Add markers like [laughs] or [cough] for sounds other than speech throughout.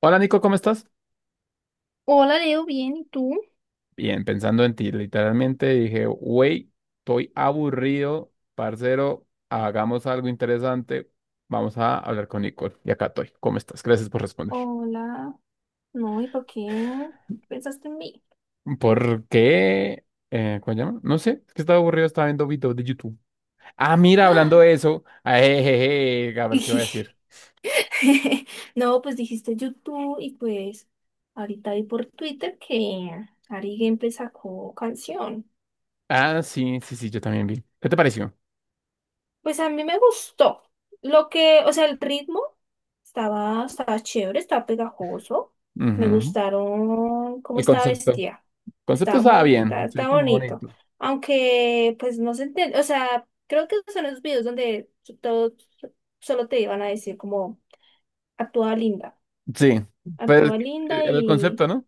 Hola Nico, ¿cómo estás? Hola, Leo, bien, ¿y tú? Bien, pensando en ti, literalmente dije, wey, estoy aburrido, parcero, hagamos algo interesante, vamos a hablar con Nicole. Y acá estoy, ¿cómo estás? Gracias por responder. Hola, no, ¿y por qué pensaste en mí? ¿Por qué? ¿Cómo se llama? No sé, es que estaba aburrido, estaba viendo videos de YouTube. Ah, mira, hablando ¡Ah! de eso, jejeje, a ver qué iba a [laughs] decir. No, pues dijiste YouTube y pues ahorita vi por Twitter que Ari Gameplay sacó canción. Ah, sí, sí, sí, yo también vi. ¿Qué te pareció? Pues a mí me gustó. Lo que, o sea, el ritmo estaba chévere, estaba pegajoso. Me Ujú. gustaron cómo El estaba concepto. vestida. El concepto Estaba estaba muy, bien, el estaba, concepto estaba muy bonito. bonito. Aunque, pues no se entiende, o sea, creo que son esos videos donde todo solo te iban a decir como, actúa linda, Sí, pero actúa linda el concepto, y ¿no?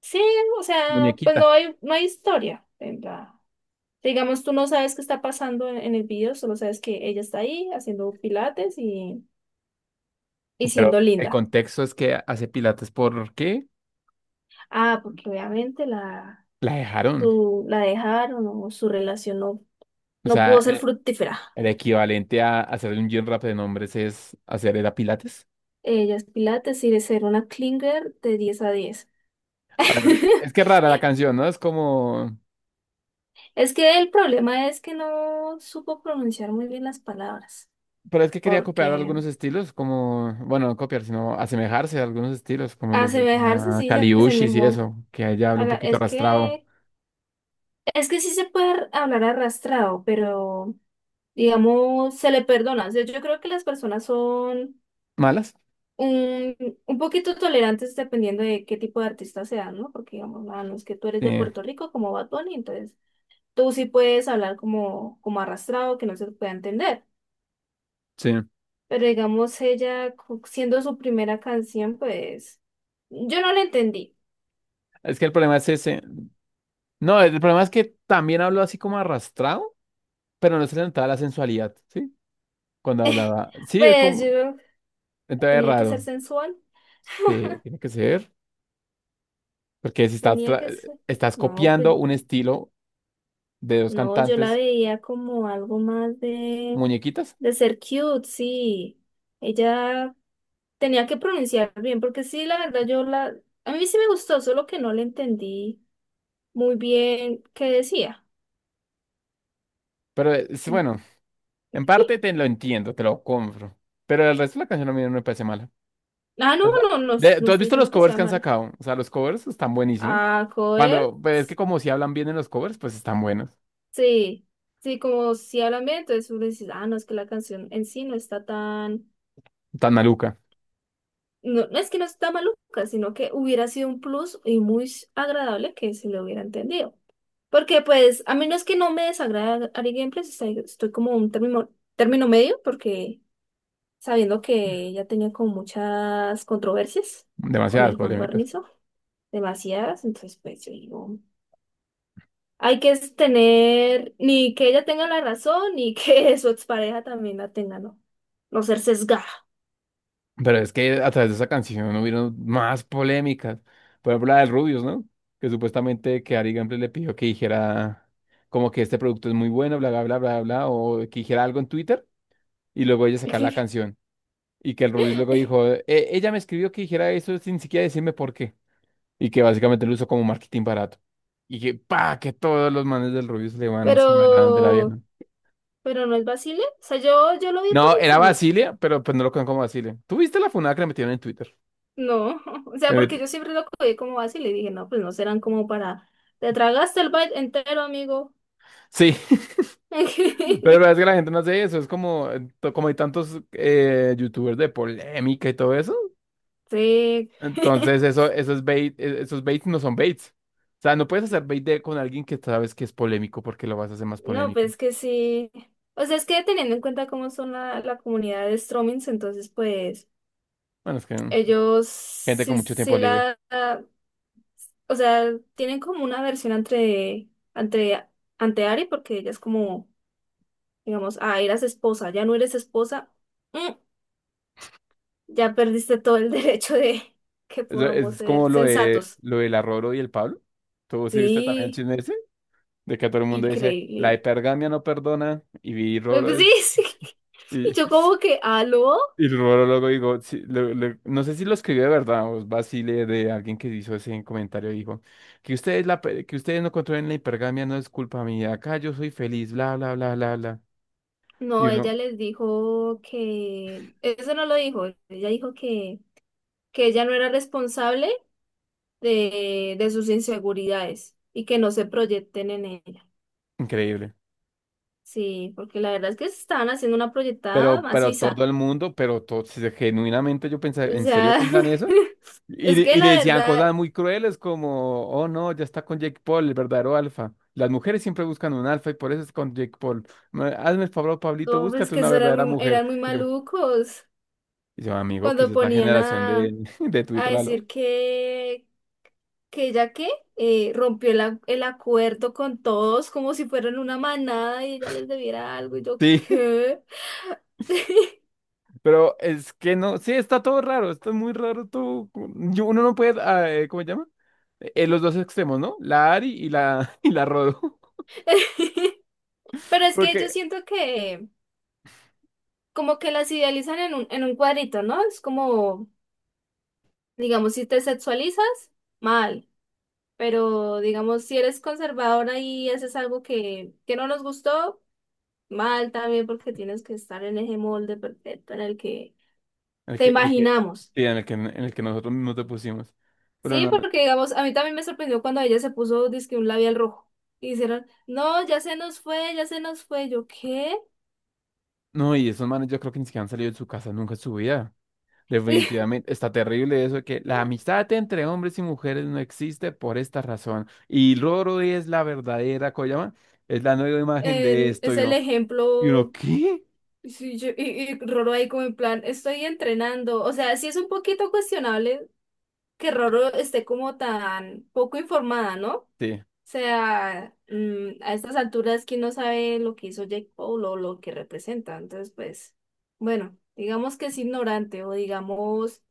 sí, o sea, pues no Muñequita. hay, no hay historia en la- Digamos, tú no sabes qué está pasando en el video, solo sabes que ella está ahí haciendo pilates y Pero siendo el linda. contexto es que hace pilates porque Ah, porque obviamente la dejaron. La dejaron o su relación no, O no sea, pudo ser fructífera. el equivalente a hacer un gym rap de nombres es hacer era pilates. Ella es pilates y de ser una clinger de diez a diez. Ahora, es [laughs] que es rara la canción, ¿no? Es como... Es que el problema es que no supo pronunciar muy bien las palabras, Pero es que quería copiar porque algunos estilos, como... Bueno, no copiar, sino asemejarse a algunos estilos, como los de asemejarse sí se Kaliushis y asemejó. eso, que ella habla A un la- poquito arrastrado. Es que sí se puede hablar arrastrado, pero digamos, se le perdona. O sea, yo creo que las personas son ¿Malas? un, un poquito tolerantes dependiendo de qué tipo de artista sea, ¿no? Porque, digamos, no es que tú eres Sí, de Puerto Rico como Bad Bunny, entonces tú sí puedes hablar como arrastrado, que no se te pueda entender. sí. Pero, digamos, siendo su primera canción, pues yo no la entendí. [laughs] Es que el problema es ese. No, el problema es que también hablo así como arrastrado, pero no se le notaba la sensualidad, ¿sí? Cuando hablaba. Sí, es Pues como, yo entonces es tenía que ser raro. sensual, Sí, tiene que ser. Porque si estás, tenía tra- que ser... estás No, pues. copiando un estilo de dos No, yo la cantantes veía como algo más de, muñequitas. de ser cute, sí. Ella tenía que pronunciar bien, porque sí, la verdad, yo la... A mí sí me gustó, solo que no le entendí muy bien qué decía. Pero es bueno, [laughs] en parte te lo entiendo, te lo compro. Pero el resto de la canción a mí no me parece mala. Ah, no, O sea, no, no, de- no ¿tú has estoy visto diciendo los que covers sea que han mala. sacado? O sea, los covers están buenísimos. Ah, joder, Cuando, pues es que como si hablan bien en los covers, pues están buenos. sí, sí, como si hablan bien, entonces uno dice, ah, no, es que la canción en sí no está tan, Están maluca. no, no es que no está maluca, sino que hubiera sido un plus y muy agradable que se le hubiera entendido. Porque pues a menos que no me desagrada Ari Gameplays, estoy como término medio porque sabiendo que ya tenía como muchas controversias con Demasiadas el Juan polémicas. Guarnizo, demasiadas, entonces pues yo digo, hay que es tener ni que ella tenga la razón ni que [laughs] su expareja también la tenga, no, no ser sesgada. Pero es que a través de esa canción hubieron más polémicas. Por ejemplo, la del Rubius, ¿no? Que supuestamente que Ari Gamble le pidió que dijera como que este producto es muy bueno, bla, bla, bla, bla, bla, o que dijera algo en Twitter y luego ella sacar la [laughs] canción. Y que el Rubius luego dijo, ella me escribió que dijera eso sin siquiera decirme por qué. Y que básicamente lo usó como marketing barato. Y que, pa, que todos los manes del Rubius le van encima de la Pero, vieja. pero no es vacile, o sea, yo lo vi por No, era encima. Basilia, pero pues no lo conozco como Basilia. ¿Tú viste la funada que le metieron en Twitter? No, [laughs] o sea, Me porque metí- yo siempre lo cogí como así y le dije, no, pues no serán como para... Te tragaste el bite entero, amigo. Sí, pero la verdad es [laughs] que la gente no hace eso, es como, to- como hay tantos youtubers de polémica y todo eso. Sí. Entonces, [laughs] eso, esos bait, e- esos baits no son baits. O sea, no puedes hacer bait de- con alguien que sabes que es polémico porque lo vas a hacer más No, polémico. pues que sí. O sea, es que teniendo en cuenta cómo son la comunidad de Stromings, entonces pues Bueno, es que ellos gente con sí, mucho tiempo sí libre. O sea, tienen como una versión entre, ante Ari, porque ella es como, digamos, eras esposa, ya no eres esposa. Mm, Ya perdiste todo el [laughs] derecho de que Eso- podamos Es, ser como lo de sensatos. lo del Arroro y el Pablo. ¿Tú sí viste también el Sí, chisme ese? De que todo el mundo dice, la increíble. hipergamia no perdona y Roro Pues sí, es. [laughs] sí. Y yo [laughs] como que, ¿aló? Y luego, luego digo, sí, le- le- no sé si lo escribió de verdad o es vacile de alguien que hizo ese comentario, dijo, que ustedes, la, pe- que ustedes no controlen la hipergamia no es culpa mía, acá yo soy feliz, bla, bla, bla, bla, bla. Y No, uno, ella les dijo que, eso no lo dijo, ella dijo que ella no era responsable de sus inseguridades y que no se proyecten en ella. increíble. Sí, porque la verdad es que se estaban haciendo una proyectada Pero todo maciza. el mundo, pero todo, si se- genuinamente yo pensaba, O ¿en serio sea, piensan eso? [laughs] Y, es de- que y le la decían verdad, cosas muy crueles como, oh no, ya está con Jake Paul, el verdadero alfa. Las mujeres siempre buscan un alfa y por eso es con Jake Paul. Ma- Hazme el favor, Pablito, no, es búscate que una eso eran verdadera muy, mujer. eran muy malucos. Y yo, amigo, que es Cuando esta ponían generación a, de, [laughs] de a Twitter, ¿aló? decir que ella que rompió el acuerdo con todos como si fueran una manada y ella les debiera algo y yo, Sí, ¿qué? [laughs] [laughs] pero es que no, sí, está todo raro, está muy raro todo. Co- Yo, uno no puede, ¿cómo se llama? Los dos extremos, ¿no? La Ari y la, [laughs] y la Rodo. Pero [laughs] es que yo Porque siento que como que las idealizan en un cuadrito, ¿no? Es como, digamos, si te sexualizas, mal. Pero digamos, si eres conservadora y haces algo que no nos gustó, mal también porque tienes que estar en ese molde perfecto en el que te el que, imaginamos. sí, en el que nosotros mismos te pusimos. Pero Sí, no, porque digamos, a mí también me sorprendió cuando ella se puso dizque un labial rojo. Y dijeron, no, ya se nos fue, ya se nos fue. Yo, ¿qué? no, y esos manes yo creo que ni siquiera han salido de su casa nunca en su vida. [laughs] Definitivamente, está terrible eso de que la amistad entre hombres y mujeres no existe por esta razón. Y Roro es la verdadera Koyama, es la nueva imagen de esto. Es el ¿Y uno ejemplo. qué? Sí, y Roro ahí como en plan, estoy entrenando. O sea, sí es un poquito cuestionable que Roro esté como tan poco informada, ¿no? Sí, Sea, a estas alturas, ¿quién no sabe lo que hizo Jake Paul o lo que representa? Entonces, pues, bueno, digamos que es ignorante o digamos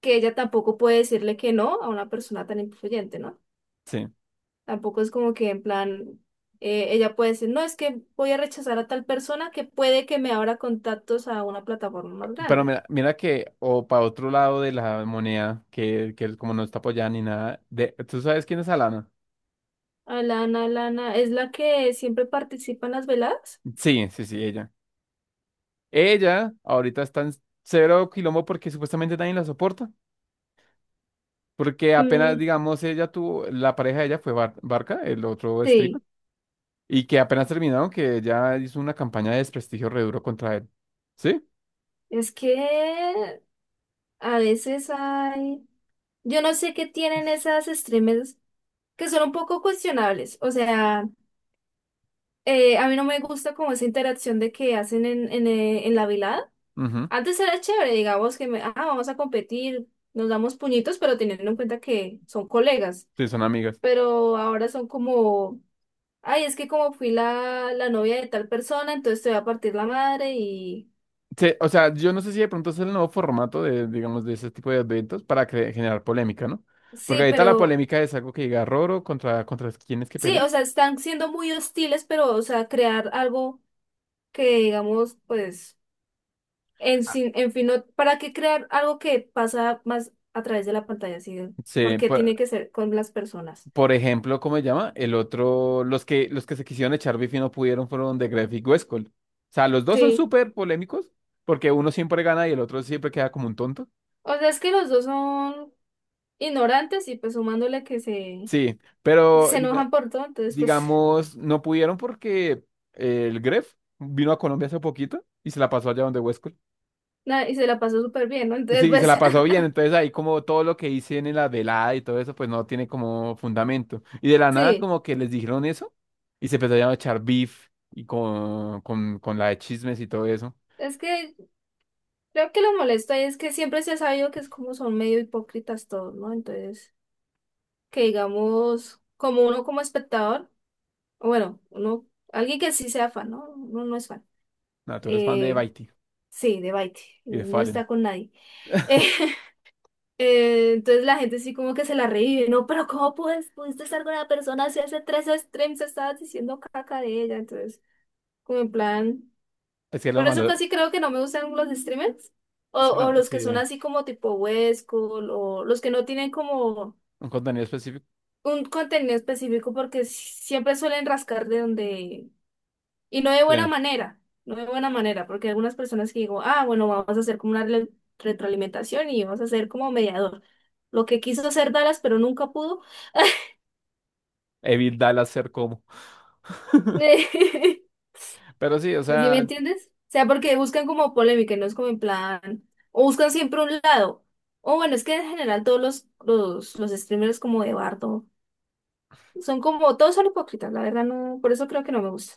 que ella tampoco puede decirle que no a una persona tan influyente, ¿no? sí. Tampoco es como que en plan, ella puede decir, no, es que voy a rechazar a tal persona que puede que me abra contactos a una plataforma más Pero grande. mira, mira que, o para otro lado de la moneda, que él como no está apoyada ni nada, de, ¿tú sabes quién es Alana? Alana, Alana, ¿es la que siempre participa en las veladas? Sí, sí, sí, ella. Ella ahorita está en cero quilombo porque supuestamente nadie la soporta. Porque apenas, Mm, digamos, ella tuvo, la pareja de ella fue Bar- Barca, el otro streamer. sí, Y que apenas terminaron, que ya hizo una campaña de desprestigio re duro contra él. ¿Sí? es que a veces hay... Yo no sé qué tienen esas streamers que son un poco cuestionables. O sea, a mí no me gusta como esa interacción de que hacen en la velada. Ujú. Antes era chévere, digamos que vamos a competir, nos damos puñitos, pero teniendo en cuenta que son colegas. Sí, son amigas. Pero ahora son como, ay, es que como fui la novia de tal persona, entonces te voy a partir la madre y Sí, o sea, yo no sé si de pronto es el nuevo formato de, digamos, de ese tipo de eventos para cre- generar polémica, ¿no? Porque sí, ahorita la pero polémica es algo que diga Roro contra, contra quienes que sí, pelean. o sea, están siendo muy hostiles, pero, o sea, crear algo que digamos, pues En, sin- en fin, no- ¿para qué crear algo que pasa más a través de la pantalla? ¿Sí? Sí, Porque tiene que ser con las personas. por ejemplo, ¿cómo se llama? El otro, los que se quisieron echar beef y no pudieron fueron de Gref y Westcol. O sea, los dos son Sí. súper polémicos porque uno siempre gana y el otro siempre queda como un tonto. O sea, es que los dos son ignorantes y pues sumándole que se, Sí, pero se diga- enojan por todo, entonces pues [laughs] digamos, no pudieron porque el Gref vino a Colombia hace poquito y se la pasó allá donde Huescol. nada, y se la pasó súper bien, ¿no? Entonces Sí, se pues la pasó bien, entonces ahí como todo lo que dicen en la velada y todo eso, pues no tiene como fundamento. Y de la nada [laughs] sí. como que les dijeron eso y se empezaron a echar beef y con la de chismes y todo eso. Es que creo que lo molesto ahí es que siempre se ha sabido que es como son medio hipócritas todos, ¿no? Entonces, que digamos, como uno como espectador, o bueno, uno, alguien que sí sea fan, ¿no? Uno no es fan. No, tú eres fan de Eh, Baiti Sí, de Baiti, y de no Fallen. está con nadie. [laughs] Eh, entonces la gente sí como que se la revive, ¿no? Pero ¿cómo puedes, pudiste estar con una persona si hace tres streams estabas diciendo caca de ella? Entonces, como en plan... Es que lo Por eso malo, casi creo que no me gustan los streamers. O, sí, o no, los sí, que son así como tipo Huesco, o los que no tienen como un contenido específico. un contenido específico porque siempre suelen rascar de donde, y no de Sí. buena manera, no de buena manera, porque hay algunas personas que digo, ah, bueno, vamos a hacer como una retroalimentación y vamos a hacer como mediador. Lo que quiso hacer Dallas, pero nunca pudo. Evil Dallas ser como. [laughs] [laughs] ¿Sí Pero sí, o me sea, entiendes? O sea, porque buscan como polémica, y no es como en plan, o buscan siempre un lado. O bueno, es que en general todos los streamers como de Bardo son como, todos son hipócritas, la verdad no, por eso creo que no me gusta.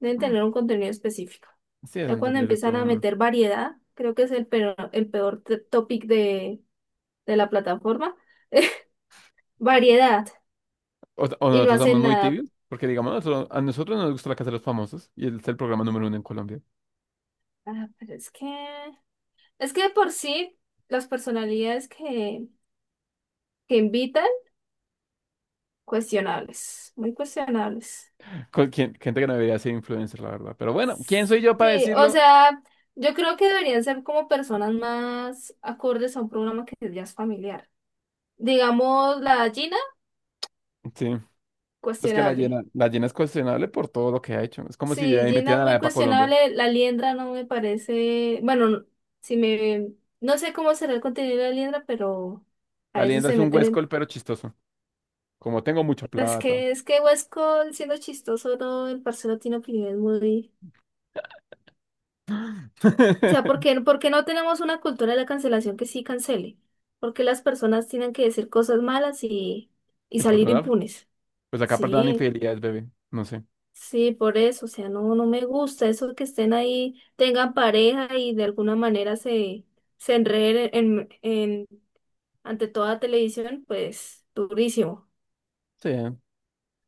Deben mm, tener un contenido específico. sí es Ya cuando entendible empiezan a todo. meter variedad, creo que es el peor topic de la plataforma. [laughs] Variedad. O Y no nosotros somos hacen muy nada. tibios, porque digamos, nosotros- a nosotros nos gusta la Casa de los Famosos y es el programa número uno en Colombia. Ah, pero es que... Es que de por sí, las personalidades que invitan, cuestionables. Muy cuestionables. Con, quien- gente que no debería ser influencer, la verdad. Pero bueno, ¿quién soy yo para Sí, o decirlo? sea, yo creo que deberían ser como personas más acordes a un programa que ya es familiar. Digamos, la Gina, Sí, es que cuestionable. La llena es cuestionable por todo lo que ha hecho. Es como si de Sí, ahí Gina es metieran a la muy EPA Colombia. cuestionable. La liendra no me parece. Bueno, si me. No sé cómo será el contenido de la liendra, pero a La veces leyenda se es un meten huescol, en. pero chistoso. Como tengo mucha Es plata. que, es que Huesco, siendo chistoso, no, el parcero tiene opiniones muy. O sea, ¿por [laughs] qué, por qué no tenemos una cultura de la cancelación que sí cancele? Porque las personas tienen que decir cosas malas y Y salir perdonar, impunes? pues acá perdonan Sí. infidelidades, bebé. No sé. Sí, por eso, o sea, no, no me gusta eso que estén ahí, tengan pareja y de alguna manera se enreden ante toda televisión, pues durísimo. Sí,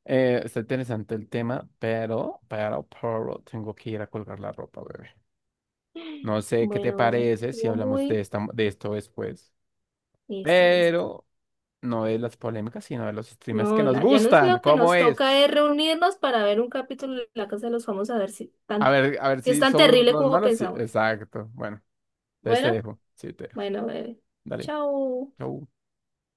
está interesante el tema, pero tengo que ir a colgar la ropa, bebé. No sé qué te Bueno, bebé, parece si estuvo hablamos de muy esta, de esto después, listo, listo. pero no de las polémicas, sino de los streamers que No, nos ya no es gustan. lo que ¿Cómo nos toca es? es reunirnos para ver un capítulo de La Casa de los Famosos, a ver A ver si es si tan somos terrible todos como malos. Sí, pensamos. exacto. Bueno, entonces te Bueno, dejo. Sí, te dejo. bueno, bebé, Dale. chao. Chau.